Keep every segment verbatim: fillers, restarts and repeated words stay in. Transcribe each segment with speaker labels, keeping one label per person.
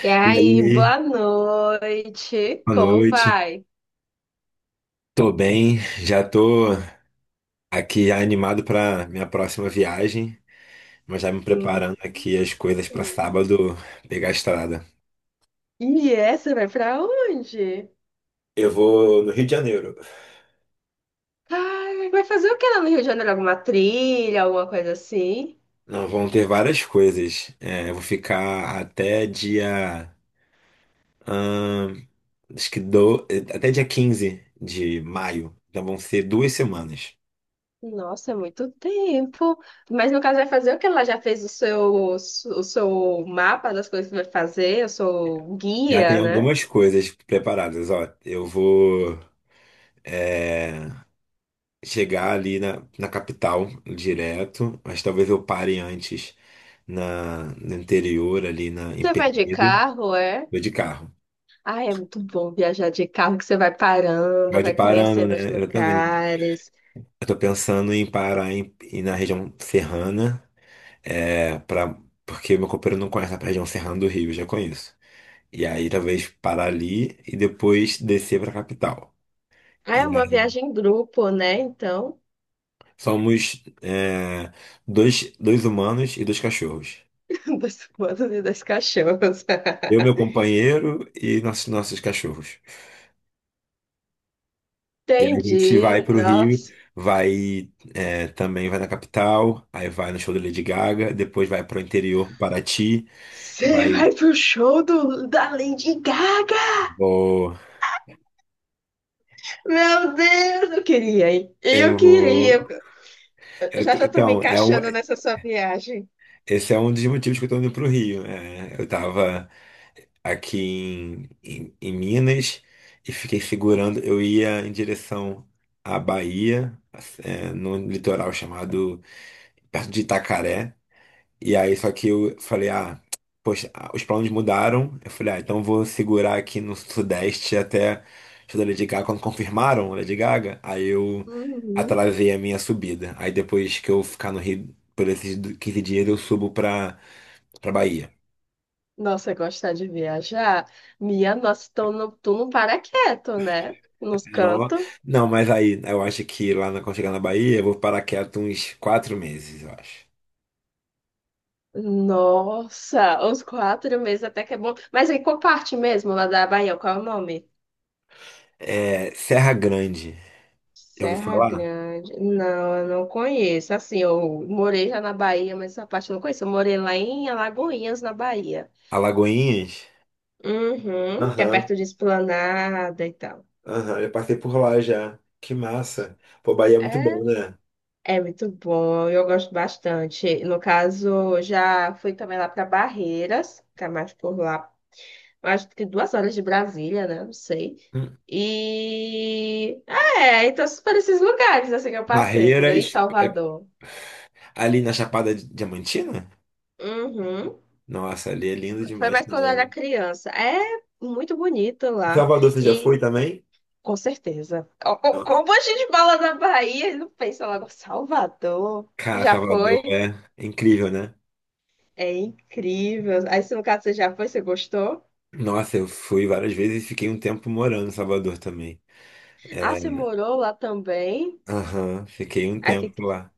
Speaker 1: E
Speaker 2: E
Speaker 1: aí, boa
Speaker 2: aí,
Speaker 1: noite.
Speaker 2: boa
Speaker 1: Como
Speaker 2: noite.
Speaker 1: vai?
Speaker 2: Tô bem, já tô aqui animado para minha próxima viagem, mas já me
Speaker 1: Hum.
Speaker 2: preparando aqui as coisas para
Speaker 1: Hum.
Speaker 2: sábado pegar a estrada.
Speaker 1: E essa vai pra onde?
Speaker 2: Eu vou no Rio de Janeiro.
Speaker 1: Ai, vai fazer o que lá no Rio de Janeiro? Alguma trilha, alguma coisa assim?
Speaker 2: Não, vão ter várias coisas. É, eu vou ficar até dia, ahn, acho que do, até dia quinze de maio. Então vão ser duas semanas.
Speaker 1: Nossa, é muito tempo. Mas no caso, vai fazer o que ela já fez o seu, o seu mapa das coisas que vai fazer, o seu
Speaker 2: Já tem
Speaker 1: guia, né?
Speaker 2: algumas coisas preparadas. Ó, eu vou. É, chegar ali na, na capital direto, mas talvez eu pare antes na, no interior, ali na, em
Speaker 1: Você vai de
Speaker 2: Penedo,
Speaker 1: carro, é?
Speaker 2: vou de carro.
Speaker 1: Ai, é muito bom viajar de carro, que você vai parando,
Speaker 2: Pode ir
Speaker 1: vai
Speaker 2: parando,
Speaker 1: conhecendo
Speaker 2: né?
Speaker 1: os
Speaker 2: Exatamente.
Speaker 1: lugares.
Speaker 2: Eu tô pensando em parar em, em- na região serrana, é, pra, porque meu companheiro não conhece a região serrana do Rio, eu já conheço. E aí talvez parar ali e depois descer pra capital.
Speaker 1: Ah,
Speaker 2: E
Speaker 1: é uma
Speaker 2: aí,
Speaker 1: viagem em grupo, né? Então,
Speaker 2: somos é, dois, dois humanos e dois cachorros.
Speaker 1: dos humanos e dos cachorros.
Speaker 2: Eu, meu companheiro e nossos, nossos cachorros. E aí a gente vai
Speaker 1: Entendi.
Speaker 2: pro Rio,
Speaker 1: Nossa.
Speaker 2: vai é, também vai na capital, aí vai no show da Lady Gaga, depois vai pro interior, Paraty,
Speaker 1: Você
Speaker 2: vai.
Speaker 1: vai pro show do, da Lady Gaga?
Speaker 2: Vou,
Speaker 1: Meu Deus, eu queria, hein? Eu
Speaker 2: eu
Speaker 1: queria.
Speaker 2: vou.
Speaker 1: Eu
Speaker 2: Eu
Speaker 1: já
Speaker 2: tô-
Speaker 1: já tô me
Speaker 2: então, é, o-
Speaker 1: encaixando nessa sua viagem.
Speaker 2: esse é um dos motivos que eu tô indo pro Rio. Né? Eu tava aqui em, em, em Minas e fiquei segurando. Eu ia em direção à Bahia, é, num litoral chamado perto de Itacaré. E aí, só que eu falei, ah, poxa, ah, os planos mudaram. Eu falei, ah, então vou segurar aqui no Sudeste até o show da Lady Gaga. Quando confirmaram a Lady Gaga, aí eu
Speaker 1: Uhum.
Speaker 2: atrasei a minha subida. Aí depois que eu ficar no Rio por esses du- quinze dias, eu subo pra, pra Bahia.
Speaker 1: Nossa, gostar de viajar? Minha nossa, tu não, tu não para quieto, né? Nos
Speaker 2: Não,
Speaker 1: cantos.
Speaker 2: não, mas aí eu acho que lá na- quando chegar na Bahia, eu vou parar quieto uns quatro meses, eu acho.
Speaker 1: Nossa, os quatro meses até que é bom. Mas em qual parte mesmo, lá da Bahia? Qual é o nome?
Speaker 2: É, Serra Grande. Eu ouvi
Speaker 1: Serra
Speaker 2: falar?
Speaker 1: Grande. Não, eu não conheço. Assim, eu morei já na Bahia, mas essa parte eu não conheço. Eu morei lá em Alagoinhas, na Bahia.
Speaker 2: Alagoinhas?
Speaker 1: Uhum, que é
Speaker 2: Aham.
Speaker 1: perto de Esplanada e tal.
Speaker 2: Aham, eu passei por lá já. Que massa. Pô, Bahia é muito
Speaker 1: É,
Speaker 2: bom, né?
Speaker 1: é muito bom, eu gosto bastante. No caso, já fui também lá para Barreiras, que é mais por lá, acho que duas horas de Brasília, né? Não sei.
Speaker 2: Hum.
Speaker 1: E é, então esses- por esses lugares assim que eu passei, entendeu? E
Speaker 2: Barreiras, é,
Speaker 1: Salvador.
Speaker 2: ali na Chapada Diamantina?
Speaker 1: Uhum.
Speaker 2: Nossa, ali é lindo
Speaker 1: Foi
Speaker 2: demais
Speaker 1: mais quando eu
Speaker 2: também.
Speaker 1: era
Speaker 2: Né?
Speaker 1: criança. É muito bonito
Speaker 2: Em
Speaker 1: lá.
Speaker 2: Salvador, você já
Speaker 1: E
Speaker 2: foi também?
Speaker 1: com certeza. Ó, ó,
Speaker 2: Nossa.
Speaker 1: como a gente fala da Bahia, ele não pensa logo, Salvador.
Speaker 2: Cara,
Speaker 1: Já
Speaker 2: Salvador
Speaker 1: foi?
Speaker 2: é é incrível, né?
Speaker 1: É incrível. Aí, se no caso você já foi, você gostou?
Speaker 2: Nossa, eu fui várias vezes e fiquei um tempo morando em Salvador também.
Speaker 1: Ah, você
Speaker 2: É,
Speaker 1: morou lá também?
Speaker 2: aham, fiquei um
Speaker 1: Aí que,
Speaker 2: tempo lá.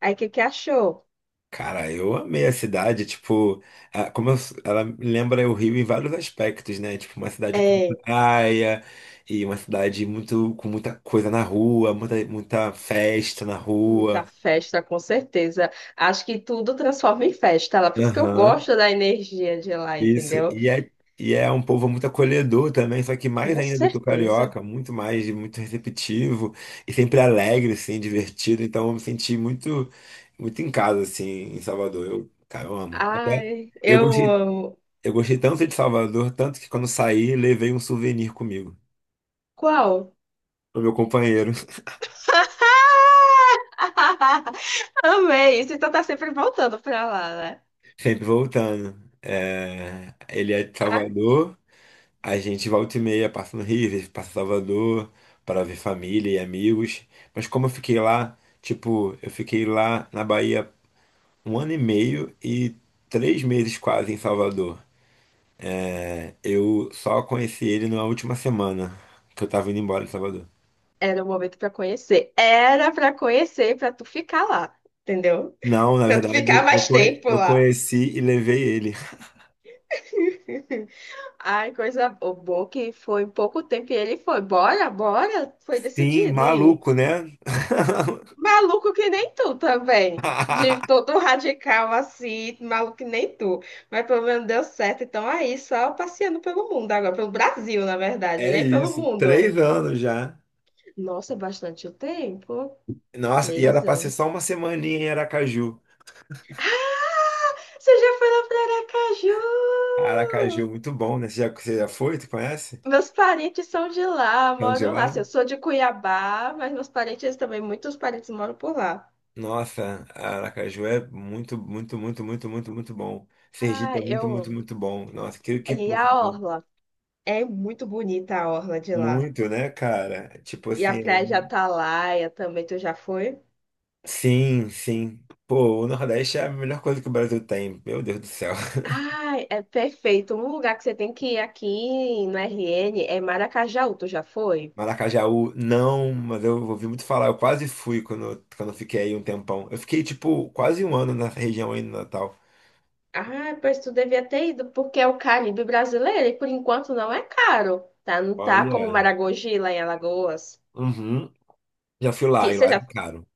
Speaker 1: aí que que achou?
Speaker 2: Cara, eu amei a cidade, tipo, a- como eu- ela lembra o Rio em vários aspectos, né? Tipo, uma cidade com
Speaker 1: É.
Speaker 2: praia e uma cidade muito com muita coisa na rua, muita, muita festa na
Speaker 1: Muita
Speaker 2: rua.
Speaker 1: festa, com certeza. Acho que tudo transforma em festa lá. Por isso que eu
Speaker 2: Aham,
Speaker 1: gosto da energia de lá,
Speaker 2: isso.
Speaker 1: entendeu?
Speaker 2: E é, e é um povo muito acolhedor também, só que mais
Speaker 1: Com
Speaker 2: ainda do que o
Speaker 1: certeza.
Speaker 2: carioca, muito mais, muito receptivo e sempre alegre, assim, divertido. Então eu me senti muito, muito em casa, assim, em Salvador. Eu, cara, eu amo. Até
Speaker 1: Ai,
Speaker 2: eu
Speaker 1: eu
Speaker 2: gostei
Speaker 1: amo.
Speaker 2: Eu gostei tanto de Salvador, tanto que quando saí, levei um souvenir comigo.
Speaker 1: Qual?
Speaker 2: O meu companheiro,
Speaker 1: Amei isso. Então tá sempre voltando pra lá, né?
Speaker 2: sempre voltando. É, ele é de
Speaker 1: Ah,
Speaker 2: Salvador, a gente volta e meia, passa no Rio, às vezes passa em Salvador, para ver família e amigos. Mas como eu fiquei lá, tipo, eu fiquei lá na Bahia um ano e meio e três meses quase em Salvador. É, eu só conheci ele na última semana que eu tava indo embora de Salvador.
Speaker 1: era o momento pra conhecer. Era pra conhecer, pra tu ficar lá, entendeu?
Speaker 2: Não, na
Speaker 1: Pra tu ficar
Speaker 2: verdade, eu
Speaker 1: mais
Speaker 2: conhe-
Speaker 1: tempo
Speaker 2: eu
Speaker 1: lá.
Speaker 2: conheci e levei ele.
Speaker 1: Ai, coisa boa que foi em pouco tempo e ele foi. Bora, bora. Foi
Speaker 2: Sim,
Speaker 1: decidido ir.
Speaker 2: maluco, né?
Speaker 1: Maluco que nem tu também. De todo radical assim, maluco que nem tu. Mas pelo menos deu certo. Então aí, só passeando pelo mundo agora, pelo Brasil, na verdade,
Speaker 2: É
Speaker 1: nem pelo
Speaker 2: isso,
Speaker 1: mundo.
Speaker 2: três anos já.
Speaker 1: Nossa, é bastante o tempo.
Speaker 2: Nossa, e era
Speaker 1: Três
Speaker 2: pra ser
Speaker 1: anos.
Speaker 2: só uma semaninha em Aracaju.
Speaker 1: Você já foi lá para Aracaju?
Speaker 2: Aracaju, muito bom, né? Você já, você já foi? Tu conhece?
Speaker 1: Meus parentes são de lá,
Speaker 2: É onde é
Speaker 1: moram lá. Assim,
Speaker 2: lá?
Speaker 1: eu sou de Cuiabá, mas meus parentes também, muitos parentes moram por lá.
Speaker 2: Nossa, Aracaju é muito, muito, muito, muito, muito, muito bom.
Speaker 1: Ah,
Speaker 2: Sergipe é
Speaker 1: eu
Speaker 2: muito, muito,
Speaker 1: amo.
Speaker 2: muito bom. Nossa, que, que
Speaker 1: E
Speaker 2: povo
Speaker 1: a
Speaker 2: bom.
Speaker 1: orla? É muito bonita a orla de lá.
Speaker 2: Muito, né, cara? Tipo
Speaker 1: E a praia de
Speaker 2: assim,
Speaker 1: Atalaia também, tu já foi?
Speaker 2: sim, sim. Pô, o Nordeste é a melhor coisa que o Brasil tem. Meu Deus do céu.
Speaker 1: Ai, é perfeito. Um lugar que você tem que ir aqui no R N é Maracajaú, tu já foi?
Speaker 2: Maracajaú, não, mas eu ouvi muito falar. Eu quase fui quando, quando eu fiquei aí um tempão. Eu fiquei, tipo, quase um ano na região aí no Natal.
Speaker 1: Ah, pois tu devia ter ido, porque é o Caribe brasileiro e por enquanto não é caro, tá? Não tá como
Speaker 2: Olha,
Speaker 1: Maragogi lá em Alagoas,
Speaker 2: uhum. Já fui lá
Speaker 1: que
Speaker 2: e
Speaker 1: você
Speaker 2: lá tá
Speaker 1: já
Speaker 2: caro,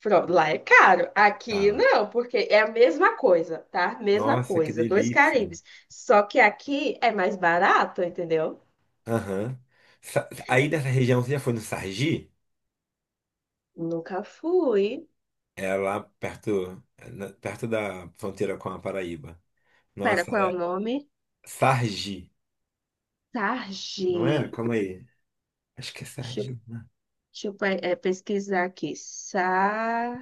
Speaker 1: pronto, lá é caro. Aqui
Speaker 2: caro.
Speaker 1: não, porque é a mesma coisa, tá? Mesma
Speaker 2: Nossa, que
Speaker 1: coisa, dois
Speaker 2: delícia.
Speaker 1: Caribes. Só que aqui é mais barato, entendeu?
Speaker 2: Aham. Sa- Aí nessa região, você já foi no Sargi?
Speaker 1: Nunca fui.
Speaker 2: É lá perto, é na- perto da fronteira com a Paraíba.
Speaker 1: Pera,
Speaker 2: Nossa,
Speaker 1: qual é o
Speaker 2: é
Speaker 1: nome?
Speaker 2: Sargi,
Speaker 1: Sarge.
Speaker 2: não é? Calma aí. Acho que é
Speaker 1: Deixa, eu
Speaker 2: Sargi. Né?
Speaker 1: deixa eu pe- eh, pesquisar aqui. Sa,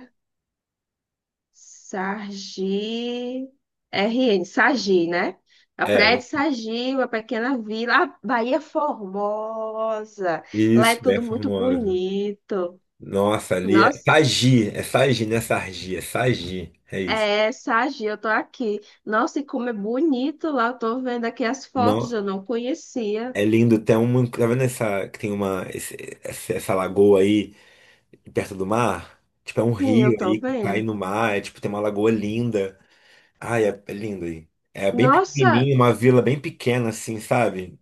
Speaker 1: Sargi R N Sargi, né? A
Speaker 2: É,
Speaker 1: Praia de Sargi, uma pequena vila. Ah, Bahia é Formosa. Lá é
Speaker 2: isso, é
Speaker 1: tudo muito
Speaker 2: Formosa.
Speaker 1: bonito.
Speaker 2: Nossa, ali é
Speaker 1: Nossa,
Speaker 2: Sagi, é Sagi, não é Sargi, é Sagi, é isso.
Speaker 1: é, Sargi, eu tô aqui. Nossa, e como é bonito lá. Eu tô vendo aqui as fotos,
Speaker 2: Não,
Speaker 1: eu não conhecia.
Speaker 2: é lindo, tem uma, tá vendo essa, que tem uma, esse- essa, essa lagoa aí perto do mar? Tipo, é um
Speaker 1: Sim, eu
Speaker 2: rio
Speaker 1: tô
Speaker 2: aí que cai
Speaker 1: vendo.
Speaker 2: no mar, é tipo, tem uma lagoa linda. Ai, é, é lindo aí. É bem
Speaker 1: Nossa,
Speaker 2: pequenininho, uma vila bem pequena assim, sabe?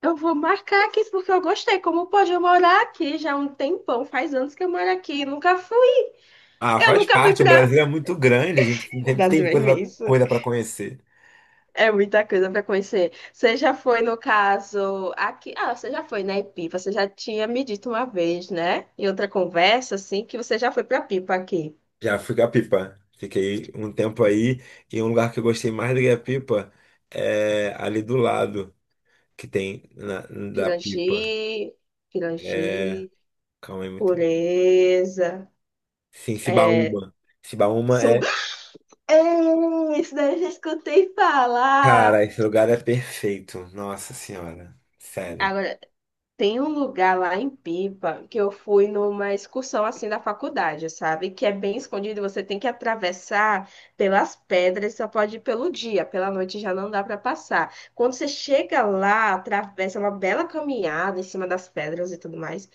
Speaker 1: eu vou marcar aqui porque eu gostei. Como pode eu morar aqui já há um tempão, faz anos que eu moro aqui, nunca fui.
Speaker 2: Ah,
Speaker 1: Eu
Speaker 2: faz
Speaker 1: nunca fui
Speaker 2: parte, o
Speaker 1: para.
Speaker 2: Brasil é muito grande, a gente
Speaker 1: O
Speaker 2: sempre
Speaker 1: Brasil
Speaker 2: tem
Speaker 1: é
Speaker 2: coisa,
Speaker 1: imenso.
Speaker 2: coisa para conhecer.
Speaker 1: É muita coisa para conhecer. Você já foi, no caso, aqui. Ah, você já foi na Pipa, você já tinha me dito uma vez, né? Em outra conversa, assim, que você já foi para Pipa aqui.
Speaker 2: Já fui Gapipa. Fiquei um tempo aí e um lugar que eu gostei mais do Gapipa é ali do lado que tem na, da Pipa.
Speaker 1: Pirangi,
Speaker 2: É,
Speaker 1: Pirangi,
Speaker 2: calma aí, muito.
Speaker 1: Pureza,
Speaker 2: Sim,
Speaker 1: é.
Speaker 2: Cibaúma. Cibaúma
Speaker 1: Sum...
Speaker 2: é,
Speaker 1: Ei, isso daí eu já escutei
Speaker 2: cara,
Speaker 1: falar.
Speaker 2: esse lugar é perfeito. Nossa Senhora, sério.
Speaker 1: Agora, tem um lugar lá em Pipa que eu fui numa excursão assim da faculdade, sabe? Que é bem escondido, você tem que atravessar pelas pedras, só pode ir pelo dia, pela noite já não dá para passar. Quando você chega lá, atravessa uma bela caminhada em cima das pedras e tudo mais.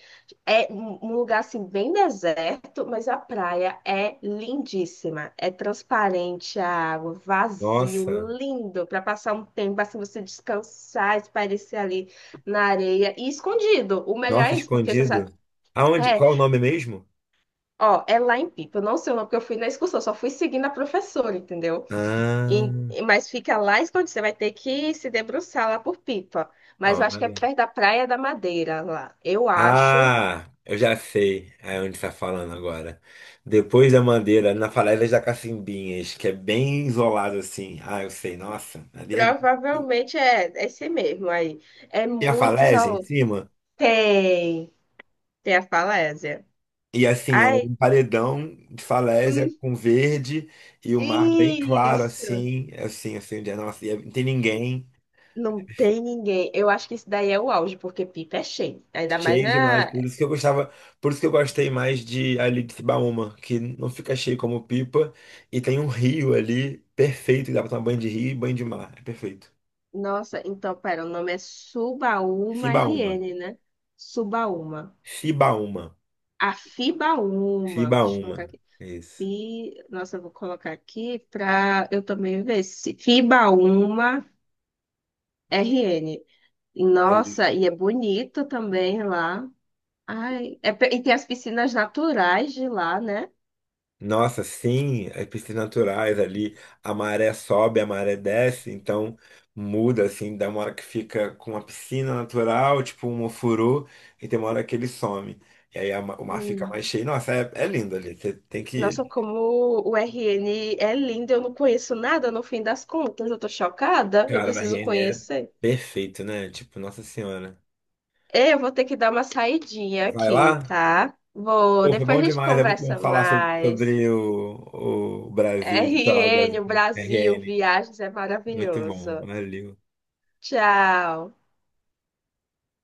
Speaker 1: É um um lugar assim bem deserto, mas a praia é lindíssima. É transparente a água, vazio,
Speaker 2: Nossa,
Speaker 1: lindo para passar um tempo assim você descansar, espairecer ali na areia e escondido. O melhor
Speaker 2: nossa,
Speaker 1: é isso, porque você sabe.
Speaker 2: escondido. Aonde?
Speaker 1: É,
Speaker 2: Qual é o nome mesmo?
Speaker 1: ó, é lá em Pipa. Eu não sei o nome, porque eu fui na excursão, só fui seguindo a professora, entendeu? E-
Speaker 2: Ah,
Speaker 1: mas fica lá escondido. Você vai ter que se debruçar lá por Pipa. Mas eu acho que é
Speaker 2: olha.
Speaker 1: perto da Praia da Madeira lá. Eu acho.
Speaker 2: Ah, eu já sei é onde está falando agora. Depois da Mandeira, na Falésias da Cacimbinhas, que é bem isolado assim. Ah, eu sei, nossa. Ali é-
Speaker 1: Provavelmente é é esse mesmo aí. É
Speaker 2: tem a
Speaker 1: muito
Speaker 2: falésia em
Speaker 1: isolado.
Speaker 2: cima.
Speaker 1: Tem. Tem a falésia.
Speaker 2: E assim, é
Speaker 1: Ai,
Speaker 2: um paredão de
Speaker 1: hum,
Speaker 2: falésia com verde e o mar bem claro,
Speaker 1: isso.
Speaker 2: assim, assim, assim, onde é, nossa, e é, não tem ninguém.
Speaker 1: Não tem ninguém. Eu acho que isso daí é o auge, porque Pipa é cheio. Ainda mais
Speaker 2: Cheio demais.
Speaker 1: na.
Speaker 2: Por isso que eu gostava, por isso que eu gostei mais de ali de Cibaúma, que não fica cheio como Pipa e tem um rio ali perfeito, dá pra tomar banho de rio e banho de mar. É perfeito.
Speaker 1: Nossa, então, pera, o nome é Subaúma
Speaker 2: Cibaúma.
Speaker 1: R N, né? Subaúma.
Speaker 2: Cibaúma.
Speaker 1: Afibaúma. Deixa eu colocar
Speaker 2: Cibaúma.
Speaker 1: aqui.
Speaker 2: É isso.
Speaker 1: Fi... Nossa, eu vou colocar aqui para eu também ver se Fibaúma R N.
Speaker 2: É
Speaker 1: Nossa, e é bonito também lá. Ai, é pe- E tem as piscinas naturais de lá, né?
Speaker 2: Nossa, sim, as piscinas naturais ali, a maré sobe, a maré desce, então muda assim, dá uma hora que fica com uma piscina natural, tipo um ofurô, e tem uma hora que ele some. E aí a ma- o mar fica mais
Speaker 1: Hum.
Speaker 2: cheio. Nossa, é, é lindo ali, você tem que
Speaker 1: Nossa,
Speaker 2: ir.
Speaker 1: como o R N é lindo, eu não conheço nada no fim das contas, eu tô chocada, eu
Speaker 2: Cara, o
Speaker 1: preciso
Speaker 2: R N é
Speaker 1: conhecer.
Speaker 2: perfeito, né? Tipo, Nossa Senhora.
Speaker 1: Eu vou ter que dar uma saidinha
Speaker 2: Vai
Speaker 1: aqui,
Speaker 2: lá?
Speaker 1: tá? Vou,
Speaker 2: Pô, foi
Speaker 1: depois
Speaker 2: bom
Speaker 1: a gente
Speaker 2: demais, é muito bom
Speaker 1: conversa
Speaker 2: falar sobre,
Speaker 1: mais.
Speaker 2: sobre o, o Brasil, o
Speaker 1: R
Speaker 2: litoral do
Speaker 1: N,
Speaker 2: Brasil,
Speaker 1: o
Speaker 2: o
Speaker 1: Brasil,
Speaker 2: R N.
Speaker 1: viagens é
Speaker 2: Muito bom,
Speaker 1: maravilhoso.
Speaker 2: valeu.
Speaker 1: Tchau.